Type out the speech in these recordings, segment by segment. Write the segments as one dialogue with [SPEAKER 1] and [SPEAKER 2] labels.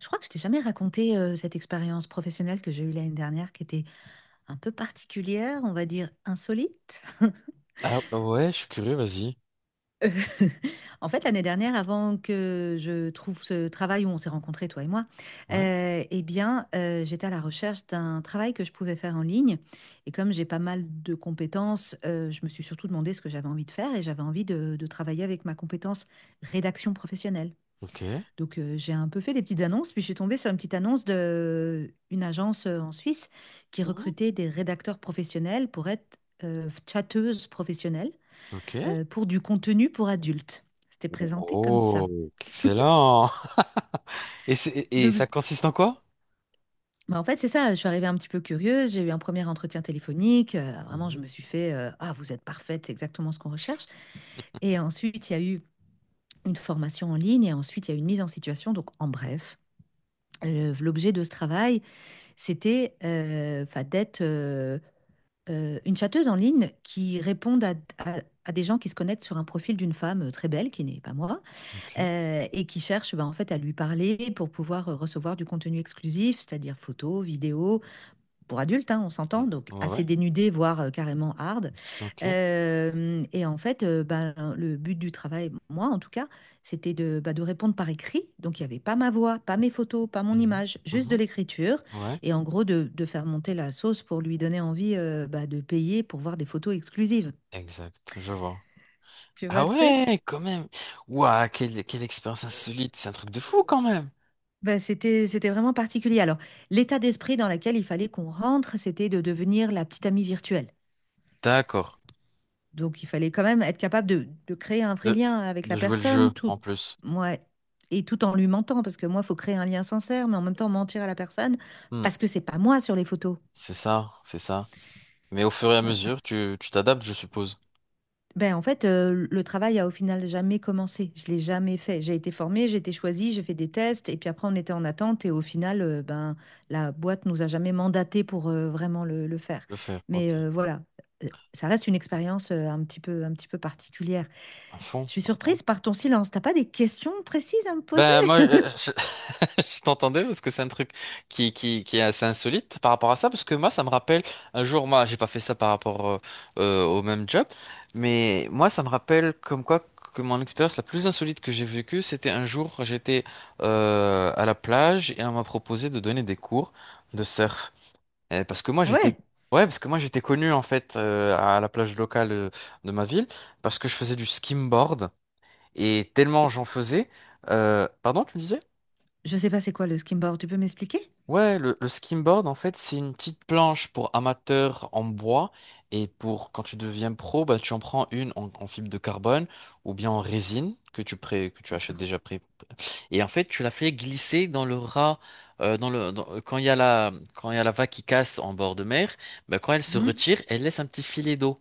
[SPEAKER 1] Je crois que je t'ai jamais raconté, cette expérience professionnelle que j'ai eue l'année dernière qui était un peu particulière, on va dire insolite.
[SPEAKER 2] Ah ouais, je suis curieux, vas-y.
[SPEAKER 1] Heu, en fait, l'année dernière, avant que je trouve ce travail où on s'est rencontrés, toi et moi,
[SPEAKER 2] Ouais,
[SPEAKER 1] et bien, j'étais à la recherche d'un travail que je pouvais faire en ligne et comme j'ai pas mal de compétences, je me suis surtout demandé ce que j'avais envie de faire et j'avais envie de travailler avec ma compétence rédaction professionnelle.
[SPEAKER 2] ok.
[SPEAKER 1] Donc, j'ai un peu fait des petites annonces, puis je suis tombée sur une petite annonce de une agence en Suisse qui
[SPEAKER 2] Mhm.
[SPEAKER 1] recrutait des rédacteurs professionnels pour être chatteuses professionnelles,
[SPEAKER 2] Ok.
[SPEAKER 1] pour du contenu pour adultes. C'était présenté comme ça.
[SPEAKER 2] Oh, excellent. Et
[SPEAKER 1] Donc,
[SPEAKER 2] ça consiste en quoi?
[SPEAKER 1] bah, en fait, c'est ça, je suis arrivée un petit peu curieuse, j'ai eu un premier entretien téléphonique, vraiment, je
[SPEAKER 2] Mhm.
[SPEAKER 1] me suis fait, ah, vous êtes parfaite, c'est exactement ce qu'on recherche. Et ensuite, il y a eu une formation en ligne, et ensuite, il y a eu une mise en situation, donc en bref. L'objet de ce travail, c'était, enfin, d'être, une châteuse en ligne qui réponde à à des gens qui se connectent sur un profil d'une femme, très belle, qui n'est pas moi,
[SPEAKER 2] Ok.
[SPEAKER 1] et qui cherche, ben en fait, à lui parler pour pouvoir, recevoir du contenu exclusif, c'est-à-dire photos, vidéos, pour adultes, hein, on
[SPEAKER 2] Mm.
[SPEAKER 1] s'entend, donc
[SPEAKER 2] Ouais, ouais.
[SPEAKER 1] assez dénudé, voire carrément hard.
[SPEAKER 2] Ok.
[SPEAKER 1] Et en fait, ben, le but du travail, moi en tout cas, c'était de, bah, de répondre par écrit. Donc il y avait pas ma voix, pas mes photos, pas mon
[SPEAKER 2] Mhm.
[SPEAKER 1] image, juste de
[SPEAKER 2] Mhm.
[SPEAKER 1] l'écriture
[SPEAKER 2] Ouais.
[SPEAKER 1] et en gros de faire monter la sauce pour lui donner envie, bah, de payer pour voir des photos exclusives.
[SPEAKER 2] Exact, je vois.
[SPEAKER 1] Tu vois le
[SPEAKER 2] Ah
[SPEAKER 1] truc?
[SPEAKER 2] ouais, quand même. Ouah, quelle expérience insolite. C'est un truc de fou quand même.
[SPEAKER 1] Bah, c'était vraiment particulier. Alors l'état d'esprit dans lequel il fallait qu'on rentre, c'était de devenir la petite amie virtuelle.
[SPEAKER 2] D'accord.
[SPEAKER 1] Donc, il fallait quand même être capable de créer un vrai
[SPEAKER 2] De,
[SPEAKER 1] lien avec
[SPEAKER 2] de
[SPEAKER 1] la
[SPEAKER 2] jouer le jeu
[SPEAKER 1] personne, tout,
[SPEAKER 2] en plus.
[SPEAKER 1] moi, et tout en lui mentant, parce que moi, il faut créer un lien sincère, mais en même temps mentir à la personne,
[SPEAKER 2] Hmm.
[SPEAKER 1] parce que c'est pas moi sur les photos.
[SPEAKER 2] C'est ça, c'est ça. Mais au fur et à mesure, tu t'adaptes, je suppose.
[SPEAKER 1] Ben, en fait, le travail a au final jamais commencé. Je l'ai jamais fait. J'ai été formée, j'ai été choisie, j'ai fait des tests, et puis après, on était en attente, et au final, ben, la boîte nous a jamais mandaté pour vraiment le faire.
[SPEAKER 2] De faire,
[SPEAKER 1] Mais
[SPEAKER 2] ok.
[SPEAKER 1] voilà. Ça reste une expérience, un petit peu particulière.
[SPEAKER 2] À fond,
[SPEAKER 1] Je suis
[SPEAKER 2] à fond.
[SPEAKER 1] surprise par ton silence. T'as pas des questions précises à me poser?
[SPEAKER 2] Ben moi, je, je t'entendais parce que c'est un truc qui est assez insolite par rapport à ça, parce que moi, ça me rappelle un jour, moi, j'ai pas fait ça par rapport au même job, mais moi, ça me rappelle comme quoi que mon expérience la plus insolite que j'ai vécue, c'était un jour, j'étais à la plage et on m'a proposé de donner des cours de surf. Parce que moi,
[SPEAKER 1] Ah
[SPEAKER 2] j'étais.
[SPEAKER 1] ouais,
[SPEAKER 2] Ouais, parce que moi j'étais connu en fait à la plage locale de ma ville parce que je faisais du skimboard. Et tellement
[SPEAKER 1] c'est-
[SPEAKER 2] j'en faisais. Pardon, tu me disais?
[SPEAKER 1] je sais pas c'est quoi le skimboard, tu peux m'expliquer?
[SPEAKER 2] Ouais, le skimboard, en fait, c'est une petite planche pour amateurs en bois. Et pour quand tu deviens pro, bah, tu en prends une en, en fibre de carbone ou bien en résine que que tu achètes
[SPEAKER 1] D'accord.
[SPEAKER 2] déjà prêt. Et en fait, tu la fais glisser dans le ras. Quand il y a la, quand il y a la vague qui casse en bord de mer, bah, quand elle se
[SPEAKER 1] Mhm,
[SPEAKER 2] retire, elle laisse un petit filet d'eau.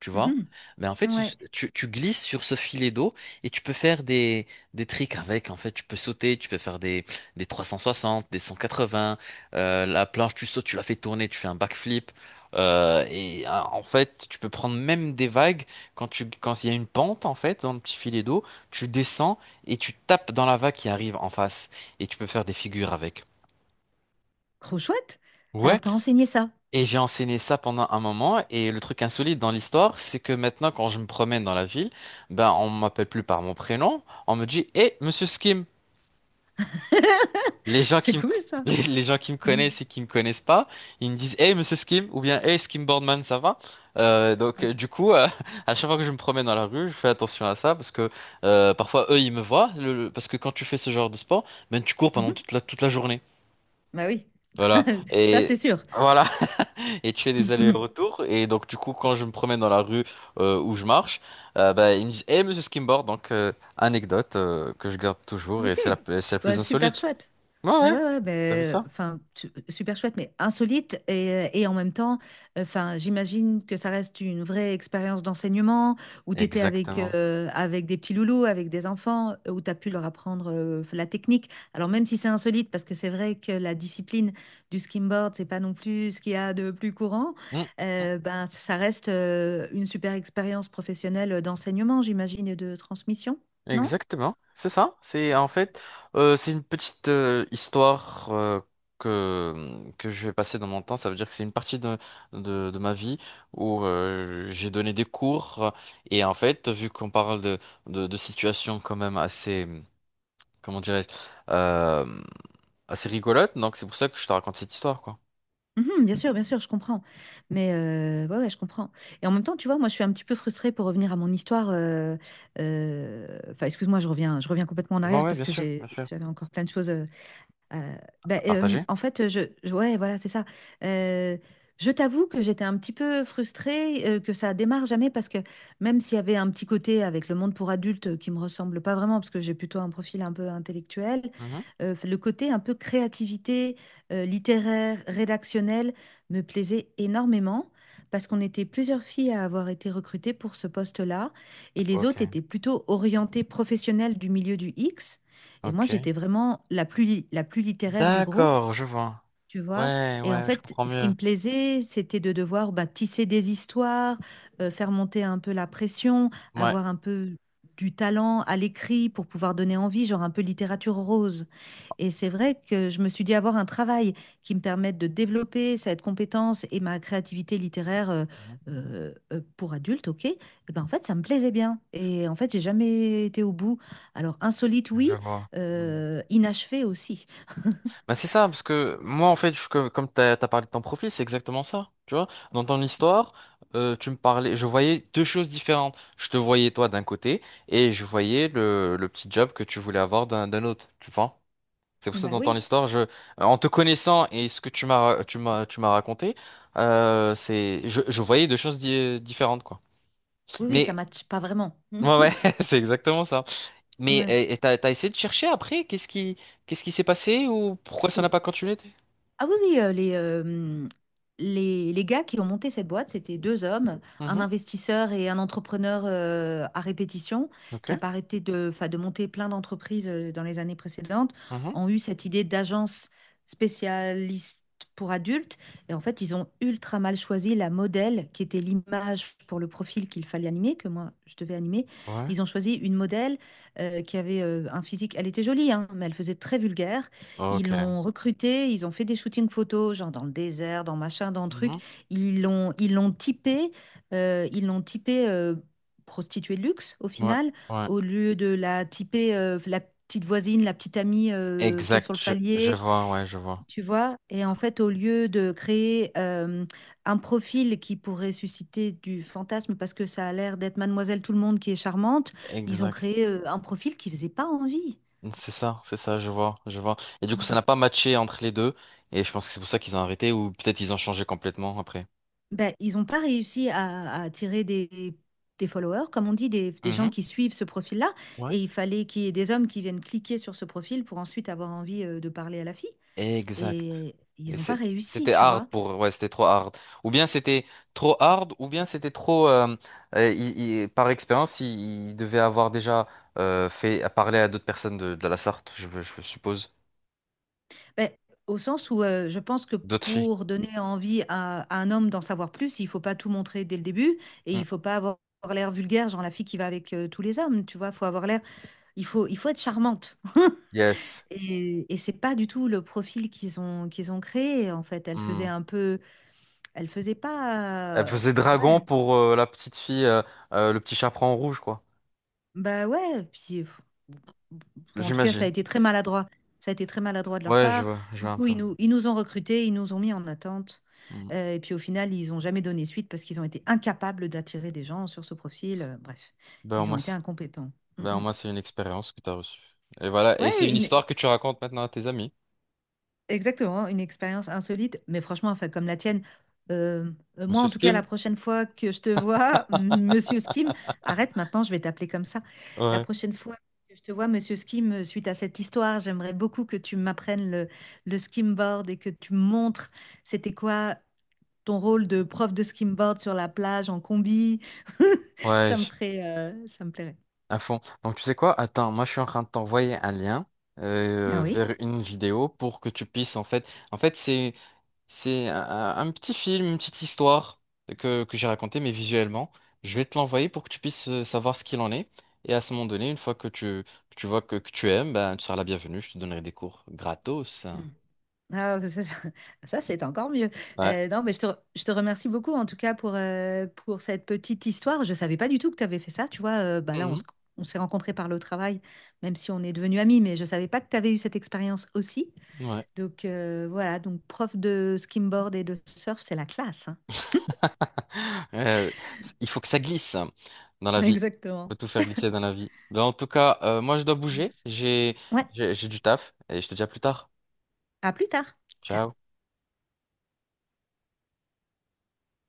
[SPEAKER 2] Tu vois.
[SPEAKER 1] mhm.
[SPEAKER 2] Mais en fait,
[SPEAKER 1] Ouais,
[SPEAKER 2] tu glisses sur ce filet d'eau et tu peux faire des tricks avec. En fait, tu peux sauter, tu peux faire des 360, des 180. La planche, tu sautes, tu la fais tourner, tu fais un backflip. En fait, tu peux prendre même des vagues quand tu, quand il y a une pente, en fait, dans le petit filet d'eau, tu descends et tu tapes dans la vague qui arrive en face. Et tu peux faire des figures avec.
[SPEAKER 1] trop chouette. Alors
[SPEAKER 2] Ouais.
[SPEAKER 1] t'as enseigné ça.
[SPEAKER 2] Et j'ai enseigné ça pendant un moment. Et le truc insolite dans l'histoire, c'est que maintenant, quand je me promène dans la ville, ben, on m'appelle plus par mon prénom. On me dit, Eh, Monsieur Skim. Les gens
[SPEAKER 1] C'est
[SPEAKER 2] qui me,
[SPEAKER 1] cool ça.
[SPEAKER 2] les gens qui me
[SPEAKER 1] Mhm,
[SPEAKER 2] connaissent et qui me connaissent pas, ils me disent, Eh, Monsieur Skim, ou bien, Eh, Skim Boardman, ça va? Euh, donc, euh, du coup, euh, à chaque fois que je me promène dans la rue, je fais attention à ça parce que parfois, eux, ils me voient. Parce que quand tu fais ce genre de sport, ben, tu cours pendant
[SPEAKER 1] mhm.
[SPEAKER 2] toute la journée.
[SPEAKER 1] Bah oui,
[SPEAKER 2] Voilà.
[SPEAKER 1] ça
[SPEAKER 2] Et
[SPEAKER 1] c'est sûr.
[SPEAKER 2] voilà. Et tu fais des
[SPEAKER 1] Mhm.
[SPEAKER 2] allers-retours. Et donc, du coup, quand je me promène dans la rue où je marche, bah, ils me disent, hey monsieur Skimboard, donc anecdote que je garde toujours et
[SPEAKER 1] Ok,
[SPEAKER 2] c'est la plus
[SPEAKER 1] bah, super
[SPEAKER 2] insolite.
[SPEAKER 1] chouette.
[SPEAKER 2] Ouais,
[SPEAKER 1] Mais ouais,
[SPEAKER 2] ouais,
[SPEAKER 1] ouais,
[SPEAKER 2] t'as vu
[SPEAKER 1] ben,
[SPEAKER 2] ça?
[SPEAKER 1] enfin, super chouette, mais insolite et en même temps, enfin, j'imagine que ça reste une vraie expérience d'enseignement où tu étais avec,
[SPEAKER 2] Exactement.
[SPEAKER 1] avec des petits loulous, avec des enfants, où tu as pu leur apprendre, la technique. Alors même si c'est insolite, parce que c'est vrai que la discipline du skimboard, c'est pas non plus ce qu'il y a de plus courant,
[SPEAKER 2] Mm, mm.
[SPEAKER 1] ben, ça reste, une super expérience professionnelle d'enseignement, j'imagine, et de transmission, non?
[SPEAKER 2] Exactement, c'est ça. C'est en fait, c'est une petite histoire que que je vais passer dans mon temps. Ça veut dire que c'est une partie de ma vie où j'ai donné des cours et en fait, vu qu'on parle de situations quand même assez comment dirais-je, euh, assez rigolote. Donc c'est pour ça que je te raconte cette histoire, quoi.
[SPEAKER 1] Mhm, bien sûr, je comprends. Mais ouais, ouais, je comprends. Et en même temps, tu vois, moi, je suis un petit peu frustrée pour revenir à mon histoire. Enfin, excuse-moi, je reviens complètement en
[SPEAKER 2] Bon,
[SPEAKER 1] arrière
[SPEAKER 2] ouais,
[SPEAKER 1] parce
[SPEAKER 2] bien
[SPEAKER 1] que
[SPEAKER 2] sûr, bien sûr.
[SPEAKER 1] j'avais encore plein de choses. Euh, Bah,
[SPEAKER 2] À partager?
[SPEAKER 1] en fait, ouais, voilà, c'est ça. Euh, je t'avoue que j'étais un petit peu frustrée, que ça démarre jamais parce que même s'il y avait un petit côté avec le monde pour adultes, qui me ressemble pas vraiment parce que j'ai plutôt un profil un peu intellectuel,
[SPEAKER 2] Mhm.
[SPEAKER 1] le côté un peu créativité, littéraire, rédactionnel me plaisait énormément parce qu'on était plusieurs filles à avoir été recrutées pour ce poste-là et les
[SPEAKER 2] Ok,
[SPEAKER 1] autres étaient plutôt orientées professionnelles du milieu du X. Et
[SPEAKER 2] ok.
[SPEAKER 1] moi, j'étais vraiment la plus littéraire du groupe,
[SPEAKER 2] D'accord, je vois.
[SPEAKER 1] tu vois.
[SPEAKER 2] Ouais,
[SPEAKER 1] Et en
[SPEAKER 2] ouais, je
[SPEAKER 1] fait,
[SPEAKER 2] comprends
[SPEAKER 1] ce qui
[SPEAKER 2] mieux.
[SPEAKER 1] me plaisait, c'était de devoir, bah, tisser des histoires, faire monter un peu la pression,
[SPEAKER 2] Ouais.
[SPEAKER 1] avoir un peu du talent à l'écrit pour pouvoir donner envie, genre un peu littérature rose. Et c'est vrai que je me suis dit avoir un travail qui me permette de développer cette compétence et ma créativité littéraire,
[SPEAKER 2] Mhm.
[SPEAKER 1] pour adulte, ok, et ben en fait, ça me plaisait bien. Et en fait, j'ai jamais été au bout. Alors, insolite, oui,
[SPEAKER 2] Je vois. Mm.
[SPEAKER 1] inachevé aussi.
[SPEAKER 2] Bah, c'est ça, parce que moi, en fait, comme t'as parlé de ton profil, c'est exactement ça. Tu vois, dans ton histoire, tu me parlais, je voyais deux choses différentes. Je te voyais toi d'un côté et je voyais le petit job que tu voulais avoir d'un autre, tu vois. C'est pour ça que
[SPEAKER 1] Bah
[SPEAKER 2] dans ton
[SPEAKER 1] oui.
[SPEAKER 2] histoire, en te connaissant et ce que tu m'as raconté, je voyais deux choses différentes, quoi.
[SPEAKER 1] Oui, oui, ça
[SPEAKER 2] Mais
[SPEAKER 1] matche pas vraiment.
[SPEAKER 2] ouais, ouais, c'est exactement ça. Mais
[SPEAKER 1] Ouais.
[SPEAKER 2] et t'as essayé de chercher après, qu'est-ce qui s'est passé ou pourquoi ça n'a pas continué? T'es-.
[SPEAKER 1] Ah oui, oui, les gars qui ont monté cette boîte, c'était deux hommes, un
[SPEAKER 2] Mhm.
[SPEAKER 1] investisseur et un entrepreneur, à répétition,
[SPEAKER 2] Ok.
[SPEAKER 1] qui a pas arrêté de, 'fin, de monter plein d'entreprises, dans les années précédentes,
[SPEAKER 2] Mhm.
[SPEAKER 1] ont eu cette idée d'agence spécialiste pour adultes. Et en fait, ils ont ultra mal choisi la modèle, qui était l'image pour le profil qu'il fallait animer, que moi, je devais animer.
[SPEAKER 2] Ouais.
[SPEAKER 1] Ils ont choisi une modèle, qui avait, un physique, elle était jolie, hein, mais elle faisait très vulgaire. Ils
[SPEAKER 2] Ok.
[SPEAKER 1] l'ont recruté, ils ont fait des shootings photos, genre dans le désert, dans machin, dans truc.
[SPEAKER 2] Mhm.
[SPEAKER 1] Ils l'ont typé, euh, ils l'ont typé euh, prostituée de luxe au
[SPEAKER 2] Ouais.
[SPEAKER 1] final,
[SPEAKER 2] Ouais.
[SPEAKER 1] au lieu de la typer, la petite voisine, la petite amie, qui est sur
[SPEAKER 2] Exact.
[SPEAKER 1] le
[SPEAKER 2] Je
[SPEAKER 1] palier,
[SPEAKER 2] vois. Ouais, je vois.
[SPEAKER 1] tu vois. Et en fait, au lieu de créer, un profil qui pourrait susciter du fantasme parce que ça a l'air d'être Mademoiselle Tout-le-Monde qui est charmante, ils ont
[SPEAKER 2] Exact.
[SPEAKER 1] créé, un profil qui faisait pas envie.
[SPEAKER 2] C'est ça, je vois, je vois. Et du coup, ça n'a pas matché entre les deux, et je pense que c'est pour ça qu'ils ont arrêté, ou peut-être ils ont changé complètement après.
[SPEAKER 1] Ben, ils n'ont pas réussi à attirer des followers, comme on dit, des gens
[SPEAKER 2] Mhm.
[SPEAKER 1] qui suivent ce profil-là.
[SPEAKER 2] Ouais.
[SPEAKER 1] Et il fallait qu'il y ait des hommes qui viennent cliquer sur ce profil pour ensuite avoir envie, de parler à la fille.
[SPEAKER 2] Exact.
[SPEAKER 1] Et ils n'ont pas réussi,
[SPEAKER 2] C'était
[SPEAKER 1] tu
[SPEAKER 2] hard
[SPEAKER 1] vois.
[SPEAKER 2] pour, ouais, c'était trop hard. Ou bien c'était trop hard, ou bien c'était trop, par expérience, il devait avoir déjà fait à parler à d'autres personnes de la Sarthe, je suppose,
[SPEAKER 1] Ben, au sens où, je pense que
[SPEAKER 2] d'autres filles.
[SPEAKER 1] pour donner envie à un homme d'en savoir plus, il ne faut pas tout montrer dès le début et il
[SPEAKER 2] Mm.
[SPEAKER 1] ne faut pas avoir l'air vulgaire, genre la fille qui va avec, tous les hommes, tu vois. Faut avoir l'air, il faut être charmante.
[SPEAKER 2] Yes.
[SPEAKER 1] Et c'est pas du tout le profil qu'ils ont créé en fait. Elle
[SPEAKER 2] Hmm.
[SPEAKER 1] faisait un peu, elle faisait
[SPEAKER 2] Elle
[SPEAKER 1] pas,
[SPEAKER 2] faisait dragon
[SPEAKER 1] ouais,
[SPEAKER 2] pour la petite fille, le petit chaperon rouge, quoi.
[SPEAKER 1] bah ouais. Puis pff, ou en tout cas, ça a
[SPEAKER 2] J'imagine.
[SPEAKER 1] été très maladroit. Ça a été très maladroit de leur
[SPEAKER 2] Ouais,
[SPEAKER 1] part.
[SPEAKER 2] je
[SPEAKER 1] Du
[SPEAKER 2] vois un
[SPEAKER 1] coup,
[SPEAKER 2] peu.
[SPEAKER 1] ils nous ont recrutés, ils nous ont mis en attente.
[SPEAKER 2] Mm.
[SPEAKER 1] Et puis au final, ils ont jamais donné suite parce qu'ils ont été incapables d'attirer des gens sur ce profil. Bref,
[SPEAKER 2] Ben, au
[SPEAKER 1] ils ont
[SPEAKER 2] moins,
[SPEAKER 1] été
[SPEAKER 2] c'est-
[SPEAKER 1] incompétents. Mm,
[SPEAKER 2] ben, au
[SPEAKER 1] mm.
[SPEAKER 2] moins, c'est une expérience que tu as reçue. Et voilà, et c'est
[SPEAKER 1] Ouais,
[SPEAKER 2] une
[SPEAKER 1] une-
[SPEAKER 2] histoire que tu racontes maintenant à tes amis.
[SPEAKER 1] Exactement, une expérience insolite, mais franchement, enfin, comme la tienne, euh, moi
[SPEAKER 2] Monsieur
[SPEAKER 1] en tout cas,
[SPEAKER 2] Skim?
[SPEAKER 1] la prochaine fois que je te vois, Monsieur Skim, arrête maintenant, je vais t'appeler comme ça. La
[SPEAKER 2] Ouais.
[SPEAKER 1] prochaine fois que je te vois, Monsieur Skim, suite à cette histoire, j'aimerais beaucoup que tu m'apprennes le skimboard et que tu me montres c'était quoi ton rôle de prof de skimboard sur la plage en combi.
[SPEAKER 2] Ouais,
[SPEAKER 1] Ça me
[SPEAKER 2] j-
[SPEAKER 1] ferait, ça me plairait.
[SPEAKER 2] à fond. Donc, tu sais quoi? Attends, moi, je suis en train de t'envoyer un lien
[SPEAKER 1] Ah oui?
[SPEAKER 2] vers une vidéo pour que tu puisses, en fait... En fait, c'est un petit film, une petite histoire que j'ai racontée, mais visuellement. Je vais te l'envoyer pour que tu puisses savoir ce qu'il en est. Et à ce moment donné, une fois que tu vois que tu aimes, ben, tu seras la bienvenue. Je te donnerai des cours gratos.
[SPEAKER 1] Ah, ça, ça- Ça, c'est encore mieux.
[SPEAKER 2] Ouais.
[SPEAKER 1] Non, mais je te, je te remercie beaucoup en tout cas pour cette petite histoire. Je ne savais pas du tout que tu avais fait ça. Tu vois, bah là,
[SPEAKER 2] Mhm.
[SPEAKER 1] on s'est rencontrés par le travail, même si on est devenus amis, mais je ne savais pas que tu avais eu cette expérience aussi.
[SPEAKER 2] Ouais.
[SPEAKER 1] Donc voilà, donc prof de skimboard et de surf, c'est la classe. Hein.
[SPEAKER 2] Euh, il faut que ça glisse hein, dans la vie. Il
[SPEAKER 1] Exactement.
[SPEAKER 2] faut tout faire glisser dans la vie. Ben, en tout cas, moi, je dois bouger.
[SPEAKER 1] Ouais,
[SPEAKER 2] J'ai du taf et je te dis à plus tard.
[SPEAKER 1] à plus tard. Ciao.
[SPEAKER 2] Ciao.